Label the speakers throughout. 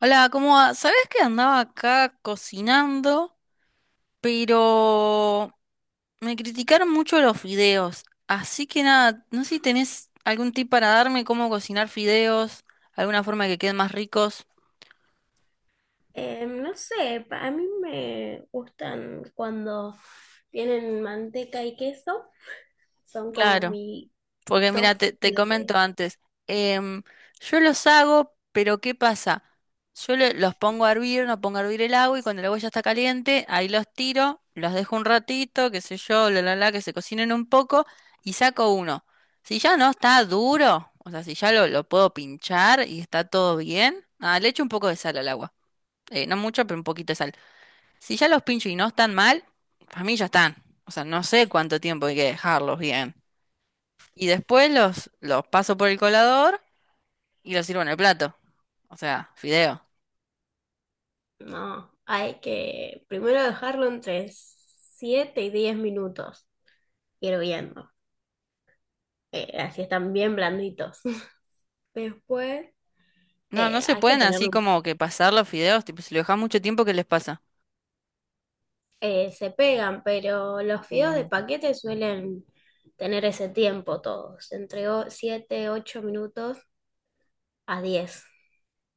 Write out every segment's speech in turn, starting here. Speaker 1: Hola, ¿cómo va? ¿Sabés que andaba acá cocinando? Pero me criticaron mucho los fideos. Así que nada, no sé si tenés algún tip para darme cómo cocinar fideos, alguna forma que queden más ricos.
Speaker 2: No sé, a mí me gustan cuando tienen manteca y queso, son como
Speaker 1: Claro.
Speaker 2: mi
Speaker 1: Porque mira,
Speaker 2: top
Speaker 1: te
Speaker 2: de...
Speaker 1: comento antes, em, yo los hago, pero ¿qué pasa? Yo los pongo a hervir, no pongo a hervir el agua y cuando el agua ya está caliente, ahí los tiro, los dejo un ratito, qué sé yo, la la la, que se cocinen un poco y saco uno. Si ya no está duro, o sea, si ya lo puedo pinchar y está todo bien, ah, le echo un poco de sal al agua. No mucho, pero un poquito de sal. Si ya los pincho y no están mal, para mí ya están. O sea, no sé cuánto tiempo hay que dejarlos bien. Y después los paso por el colador y los sirvo en el plato. O sea, fideo.
Speaker 2: No, hay que primero dejarlo entre 7 y 10 minutos hirviendo, así están bien blanditos. Después
Speaker 1: No, no se
Speaker 2: hay que
Speaker 1: pueden así como que pasar los fideos. Tipo, si lo dejas mucho tiempo, ¿qué les pasa?
Speaker 2: se pegan, pero los fideos de
Speaker 1: Mm.
Speaker 2: paquete suelen tener ese tiempo todos, entre 7 8 minutos a 10,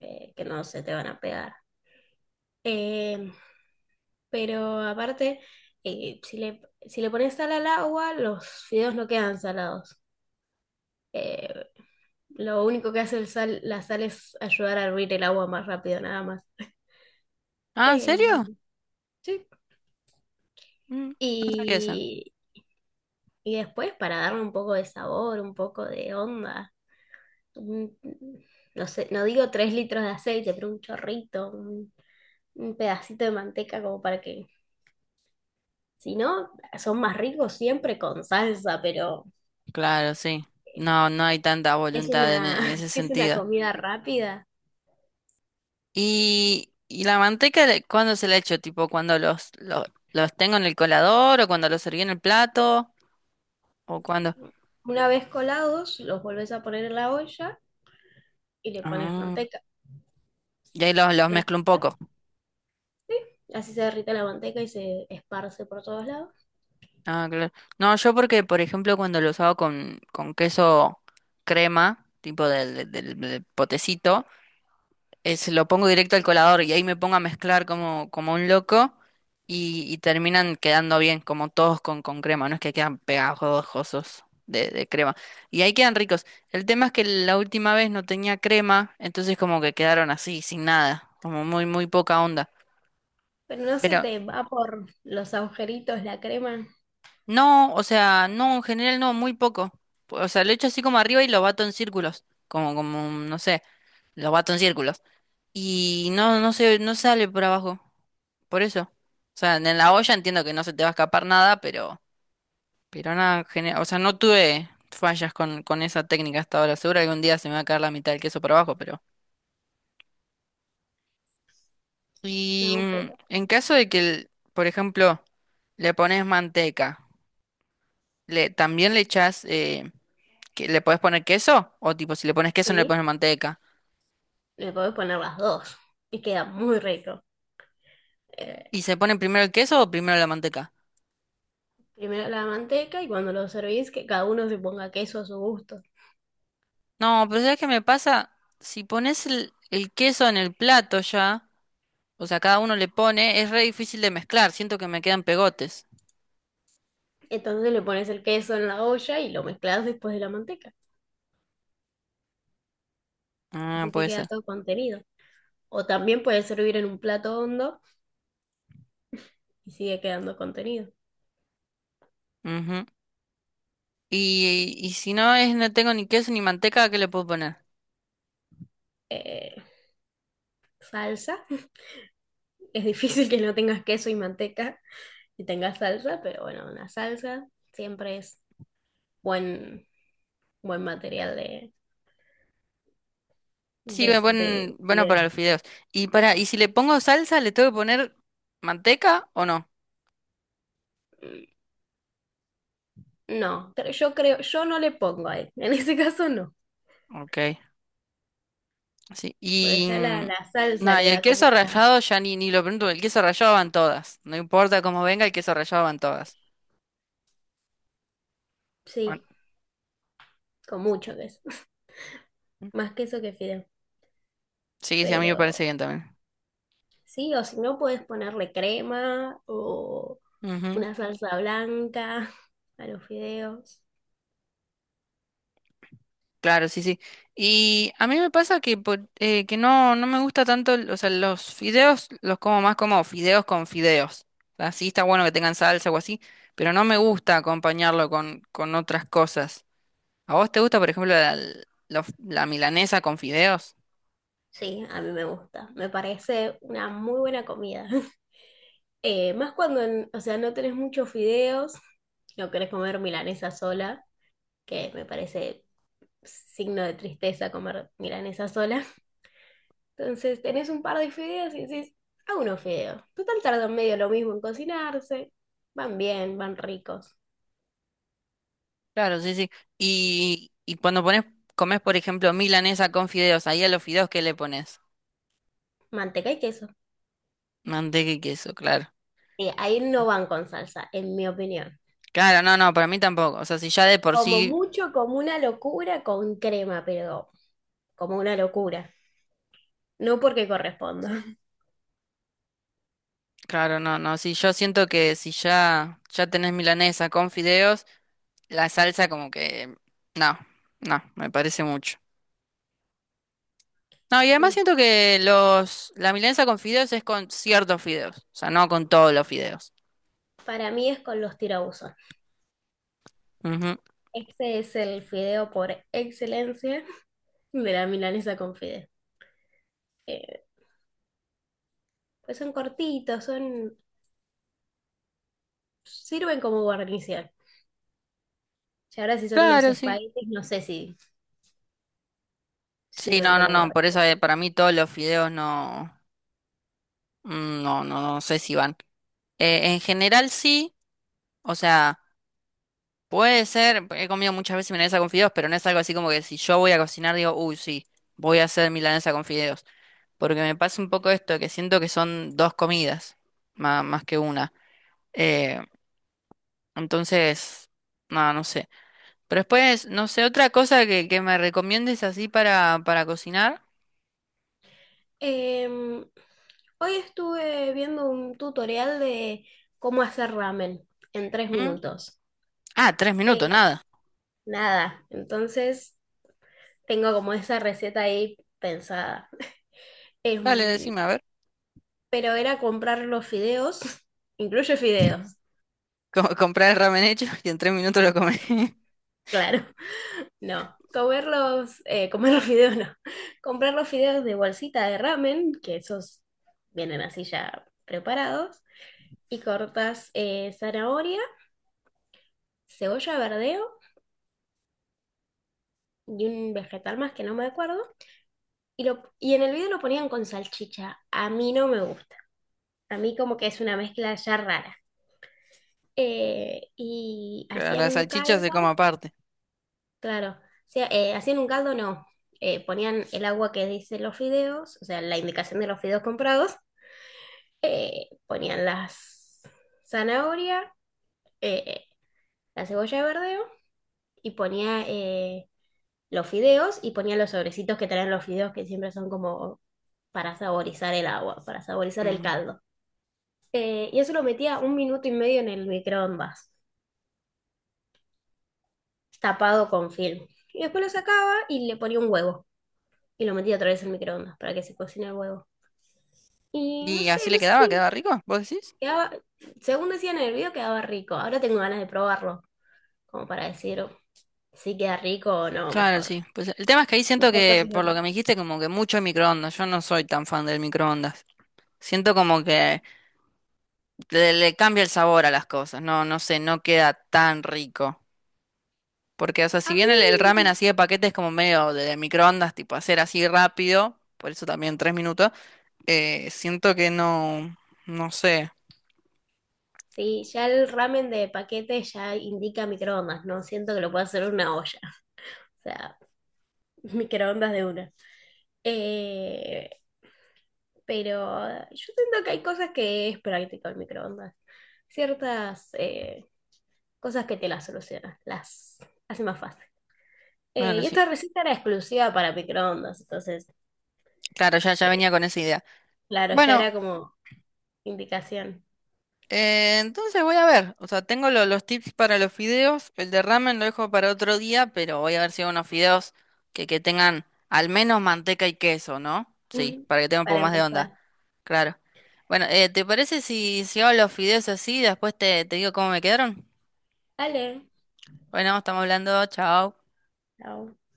Speaker 2: que no se te van a pegar. Eh, pero aparte, eh, si le, si le pones sal al agua, los fideos no quedan salados. Eh, lo único que hace el sal, la sal es ayudar a hervir el agua más rápido, nada más.
Speaker 1: Ah, ¿en
Speaker 2: Em,
Speaker 1: serio?
Speaker 2: sí.
Speaker 1: No sabía eso.
Speaker 2: Y, y después, para darle un poco de sabor, un poco de onda, un- no sé, no digo 3 litros de aceite, pero un chorrito, un pedacito de manteca como para que... Si no, son más ricos siempre con salsa, pero
Speaker 1: Claro, sí.
Speaker 2: eh,
Speaker 1: No, no hay tanta
Speaker 2: es
Speaker 1: voluntad en,
Speaker 2: una,
Speaker 1: e- en ese
Speaker 2: si es una
Speaker 1: sentido.
Speaker 2: comida rápida.
Speaker 1: Y la manteca, ¿cuándo se la echo? Tipo, cuando los tengo en el colador o cuando los serví en el plato o cuando.
Speaker 2: Una vez colados, los volvés a poner en la olla y le pones
Speaker 1: Ah,
Speaker 2: manteca.
Speaker 1: y ahí los
Speaker 2: ¿Lo
Speaker 1: mezclo un
Speaker 2: escuchás?
Speaker 1: poco.
Speaker 2: Sí, así se derrite la manteca y se esparce por todos lados.
Speaker 1: Ah, claro. No, yo porque, por ejemplo, cuando los hago con queso crema, tipo del potecito, lo pongo directo al colador y ahí me pongo a mezclar como un loco y terminan quedando bien, como todos con crema, no es que quedan pegajosos de crema. Y ahí quedan ricos. El tema es que la última vez no tenía crema, entonces como que quedaron así, sin nada, como muy, muy poca onda.
Speaker 2: Pero no se te va por los agujeritos la crema.
Speaker 1: No, o sea, no, en general no, muy poco. O sea, lo echo así como arriba y lo bato en círculos. Como, no sé, lo bato en círculos. Y no sale por abajo. Por eso. O sea, en la olla entiendo que no se te va a escapar nada, pero nada, o sea, no tuve fallas con esa técnica hasta ahora. Seguro algún día se me va a caer la mitad del queso por abajo, pero. Y
Speaker 2: No, pero
Speaker 1: en caso de que, por ejemplo, le pones manteca, también le echás. Que le puedes poner queso, o tipo, si le pones queso no le
Speaker 2: sí,
Speaker 1: pones manteca.
Speaker 2: le podés poner las dos y queda muy rico. Eh,
Speaker 1: ¿Y se pone primero el queso o primero la manteca?
Speaker 2: Primero la manteca y cuando lo servís, que cada uno se ponga queso a su gusto.
Speaker 1: No, pero ¿sabes qué me pasa? Si pones el queso en el plato ya, o sea, cada uno le pone, es re difícil de mezclar, siento que me quedan pegotes.
Speaker 2: Entonces le pones el queso en la olla y lo mezclas después de la manteca.
Speaker 1: Ah,
Speaker 2: Así te
Speaker 1: puede
Speaker 2: queda
Speaker 1: ser.
Speaker 2: todo contenido. O también puedes servir en un plato hondo y sigue quedando contenido.
Speaker 1: Ujú. Y si no es, no tengo ni queso ni manteca, ¿qué le puedo poner?
Speaker 2: Eh, Salsa. Es difícil que no tengas queso y manteca y tengas salsa, pero bueno, una salsa siempre es buen, buen material
Speaker 1: Sí, me
Speaker 2: de
Speaker 1: ponen, bueno, para
Speaker 2: video.
Speaker 1: los fideos. Y si le pongo salsa, ¿le tengo que poner manteca o no?
Speaker 2: Mm, no, yo creo, yo no le pongo ahí. En ese caso no.
Speaker 1: Ok. Sí,
Speaker 2: Porque
Speaker 1: y
Speaker 2: ya la salsa
Speaker 1: nada, y
Speaker 2: le
Speaker 1: el
Speaker 2: da como
Speaker 1: queso
Speaker 2: una...
Speaker 1: rallado ya ni lo pregunto, el queso rallado van todas. No importa cómo venga, el queso rallado van todas. Bueno,
Speaker 2: Sí, con mucho queso. Más queso que fideo.
Speaker 1: sí, sí, a mí me parece
Speaker 2: Pero
Speaker 1: bien también.
Speaker 2: sí, o si no, puedes ponerle crema o
Speaker 1: Ujú,
Speaker 2: una salsa blanca a los fideos.
Speaker 1: claro, sí, sí. Y a mí me pasa que, que no me gusta tanto, o sea, los fideos los como más como fideos con fideos. O sea, sí está bueno que tengan salsa o así, pero no me gusta acompañarlo con otras cosas. ¿A vos te gusta, por ejemplo, la milanesa con fideos?
Speaker 2: Sí, a mí me gusta. Me parece una muy buena comida. Más cuando, o sea, no tenés muchos fideos, no querés comer milanesa sola, que me parece signo de tristeza comer milanesa sola. Entonces tenés un par de fideos y decís, hago unos fideos. Total tardan medio lo mismo en cocinarse. Van bien, van ricos.
Speaker 1: Claro, sí, sí. Y cuando comes, por ejemplo, milanesa con fideos, ahí a los fideos, ¿qué le pones?
Speaker 2: Manteca y queso.
Speaker 1: Manteca y queso, claro.
Speaker 2: Sí, ahí no van con salsa, en mi opinión.
Speaker 1: Claro, no, no, para mí tampoco. O sea, si ya de por
Speaker 2: Como
Speaker 1: sí,
Speaker 2: mucho, como una locura con crema, pero como una locura. No porque corresponda.
Speaker 1: claro, no, no. Si yo siento que si ya, ya tenés milanesa con fideos, la salsa como que, no, no, me parece mucho. No, y además
Speaker 2: Sí,
Speaker 1: siento que la milanesa con fideos es con ciertos fideos, o sea, no con todos los fideos.
Speaker 2: para mí es con los tirabuzos.
Speaker 1: Ujú.
Speaker 2: Este es el fideo por excelencia de la milanesa con fideo. Eh, pues son cortitos, son, sirven como guarnición. Y ahora si son unos
Speaker 1: Claro, sí.
Speaker 2: espaguetis, no sé si
Speaker 1: Sí,
Speaker 2: sirven
Speaker 1: no, no,
Speaker 2: como
Speaker 1: no, por eso
Speaker 2: guarnición.
Speaker 1: para mí todos los fideos no. No, no, no sé si van. En general sí, o sea, puede ser, he comido muchas veces milanesa con fideos, pero no es algo así como que si yo voy a cocinar digo, uy, sí, voy a hacer milanesa con fideos. Porque me pasa un poco esto, que siento que son dos comidas, más, que una. Eh, entonces, no, no sé. Pero después, no sé, otra cosa que me recomiendes así para cocinar.
Speaker 2: Em, Hoy estuve viendo un tutorial de cómo hacer ramen en tres
Speaker 1: ¿Mm?
Speaker 2: minutos.
Speaker 1: Ah, 3 minutos,
Speaker 2: Eh,
Speaker 1: nada.
Speaker 2: Nada, entonces tengo como esa receta ahí pensada.
Speaker 1: Dale,
Speaker 2: Em,
Speaker 1: decime, a ver.
Speaker 2: pero era comprar los fideos, incluye fideos,
Speaker 1: Comprar el ramen hecho y en 3 minutos lo comés.
Speaker 2: claro, no. Comerlos, comer los fideos no. Comprar los fideos de bolsita de ramen, que esos vienen así ya preparados, y cortas, zanahoria, cebolla verdeo y un vegetal más que no me acuerdo. Y, lo y en el video lo ponían con salchicha. A mí no me gusta. A mí como que es una mezcla ya rara. Y
Speaker 1: Claro,
Speaker 2: hacían
Speaker 1: la
Speaker 2: un
Speaker 1: salchicha
Speaker 2: caldo,
Speaker 1: se come aparte.
Speaker 2: claro. O sea, hacían un caldo, no. Ponían el agua que dice los fideos, o sea, la indicación de los fideos comprados. Ponían las zanahoria, eh, la cebolla de verdeo y ponía los fideos y ponía los sobrecitos que traen los fideos que siempre son como para saborizar el agua, para saborizar el
Speaker 1: Mm.
Speaker 2: caldo. Y eso lo metía 1 minuto y medio en el microondas, tapado con film. Y después lo sacaba y le ponía un huevo. Y lo metía otra vez en el microondas para que se cocine el huevo. Y no
Speaker 1: ¿Y
Speaker 2: sé,
Speaker 1: así le quedaba? ¿Quedaba rico? ¿Vos decís?
Speaker 2: quedaba, según decían en el video, quedaba rico. Ahora tengo ganas de probarlo, como para decir si queda rico o no,
Speaker 1: Claro,
Speaker 2: mejor.
Speaker 1: sí. Pues el tema es que ahí siento
Speaker 2: Mejor
Speaker 1: que,
Speaker 2: cocina
Speaker 1: por lo
Speaker 2: otra
Speaker 1: que me
Speaker 2: cosa.
Speaker 1: dijiste, como que mucho microondas. Yo no soy tan fan del microondas. Siento como que le cambia el sabor a las cosas. No, no sé, no queda tan rico. Porque, o sea,
Speaker 2: A
Speaker 1: si bien
Speaker 2: mí,
Speaker 1: el ramen así de paquete es como medio de microondas, tipo hacer así rápido, por eso también 3 minutos, siento que no, no sé.
Speaker 2: sí, ya el ramen de paquete ya indica microondas, no siento que lo pueda hacer en una olla. O sea, microondas de una. Eh, pero yo siento que hay cosas que es práctico el microondas. Ciertas cosas que te las solucionan, las hace más fácil.
Speaker 1: Claro,
Speaker 2: Y
Speaker 1: sí.
Speaker 2: esta receta era exclusiva para microondas, entonces,
Speaker 1: Claro, ya, ya
Speaker 2: eh,
Speaker 1: venía con esa idea.
Speaker 2: claro, ya
Speaker 1: Bueno.
Speaker 2: era como indicación
Speaker 1: Entonces voy a ver, o sea, tengo los tips para los fideos, el de ramen lo dejo para otro día, pero voy a ver si hago unos fideos que tengan al menos manteca y queso, ¿no? Sí, para que tenga un poco
Speaker 2: para
Speaker 1: más de onda,
Speaker 2: empezar.
Speaker 1: claro. Bueno, ¿te parece si hago los fideos así, después te digo cómo me quedaron?
Speaker 2: Dale,
Speaker 1: Bueno, estamos hablando, chao.
Speaker 2: chao.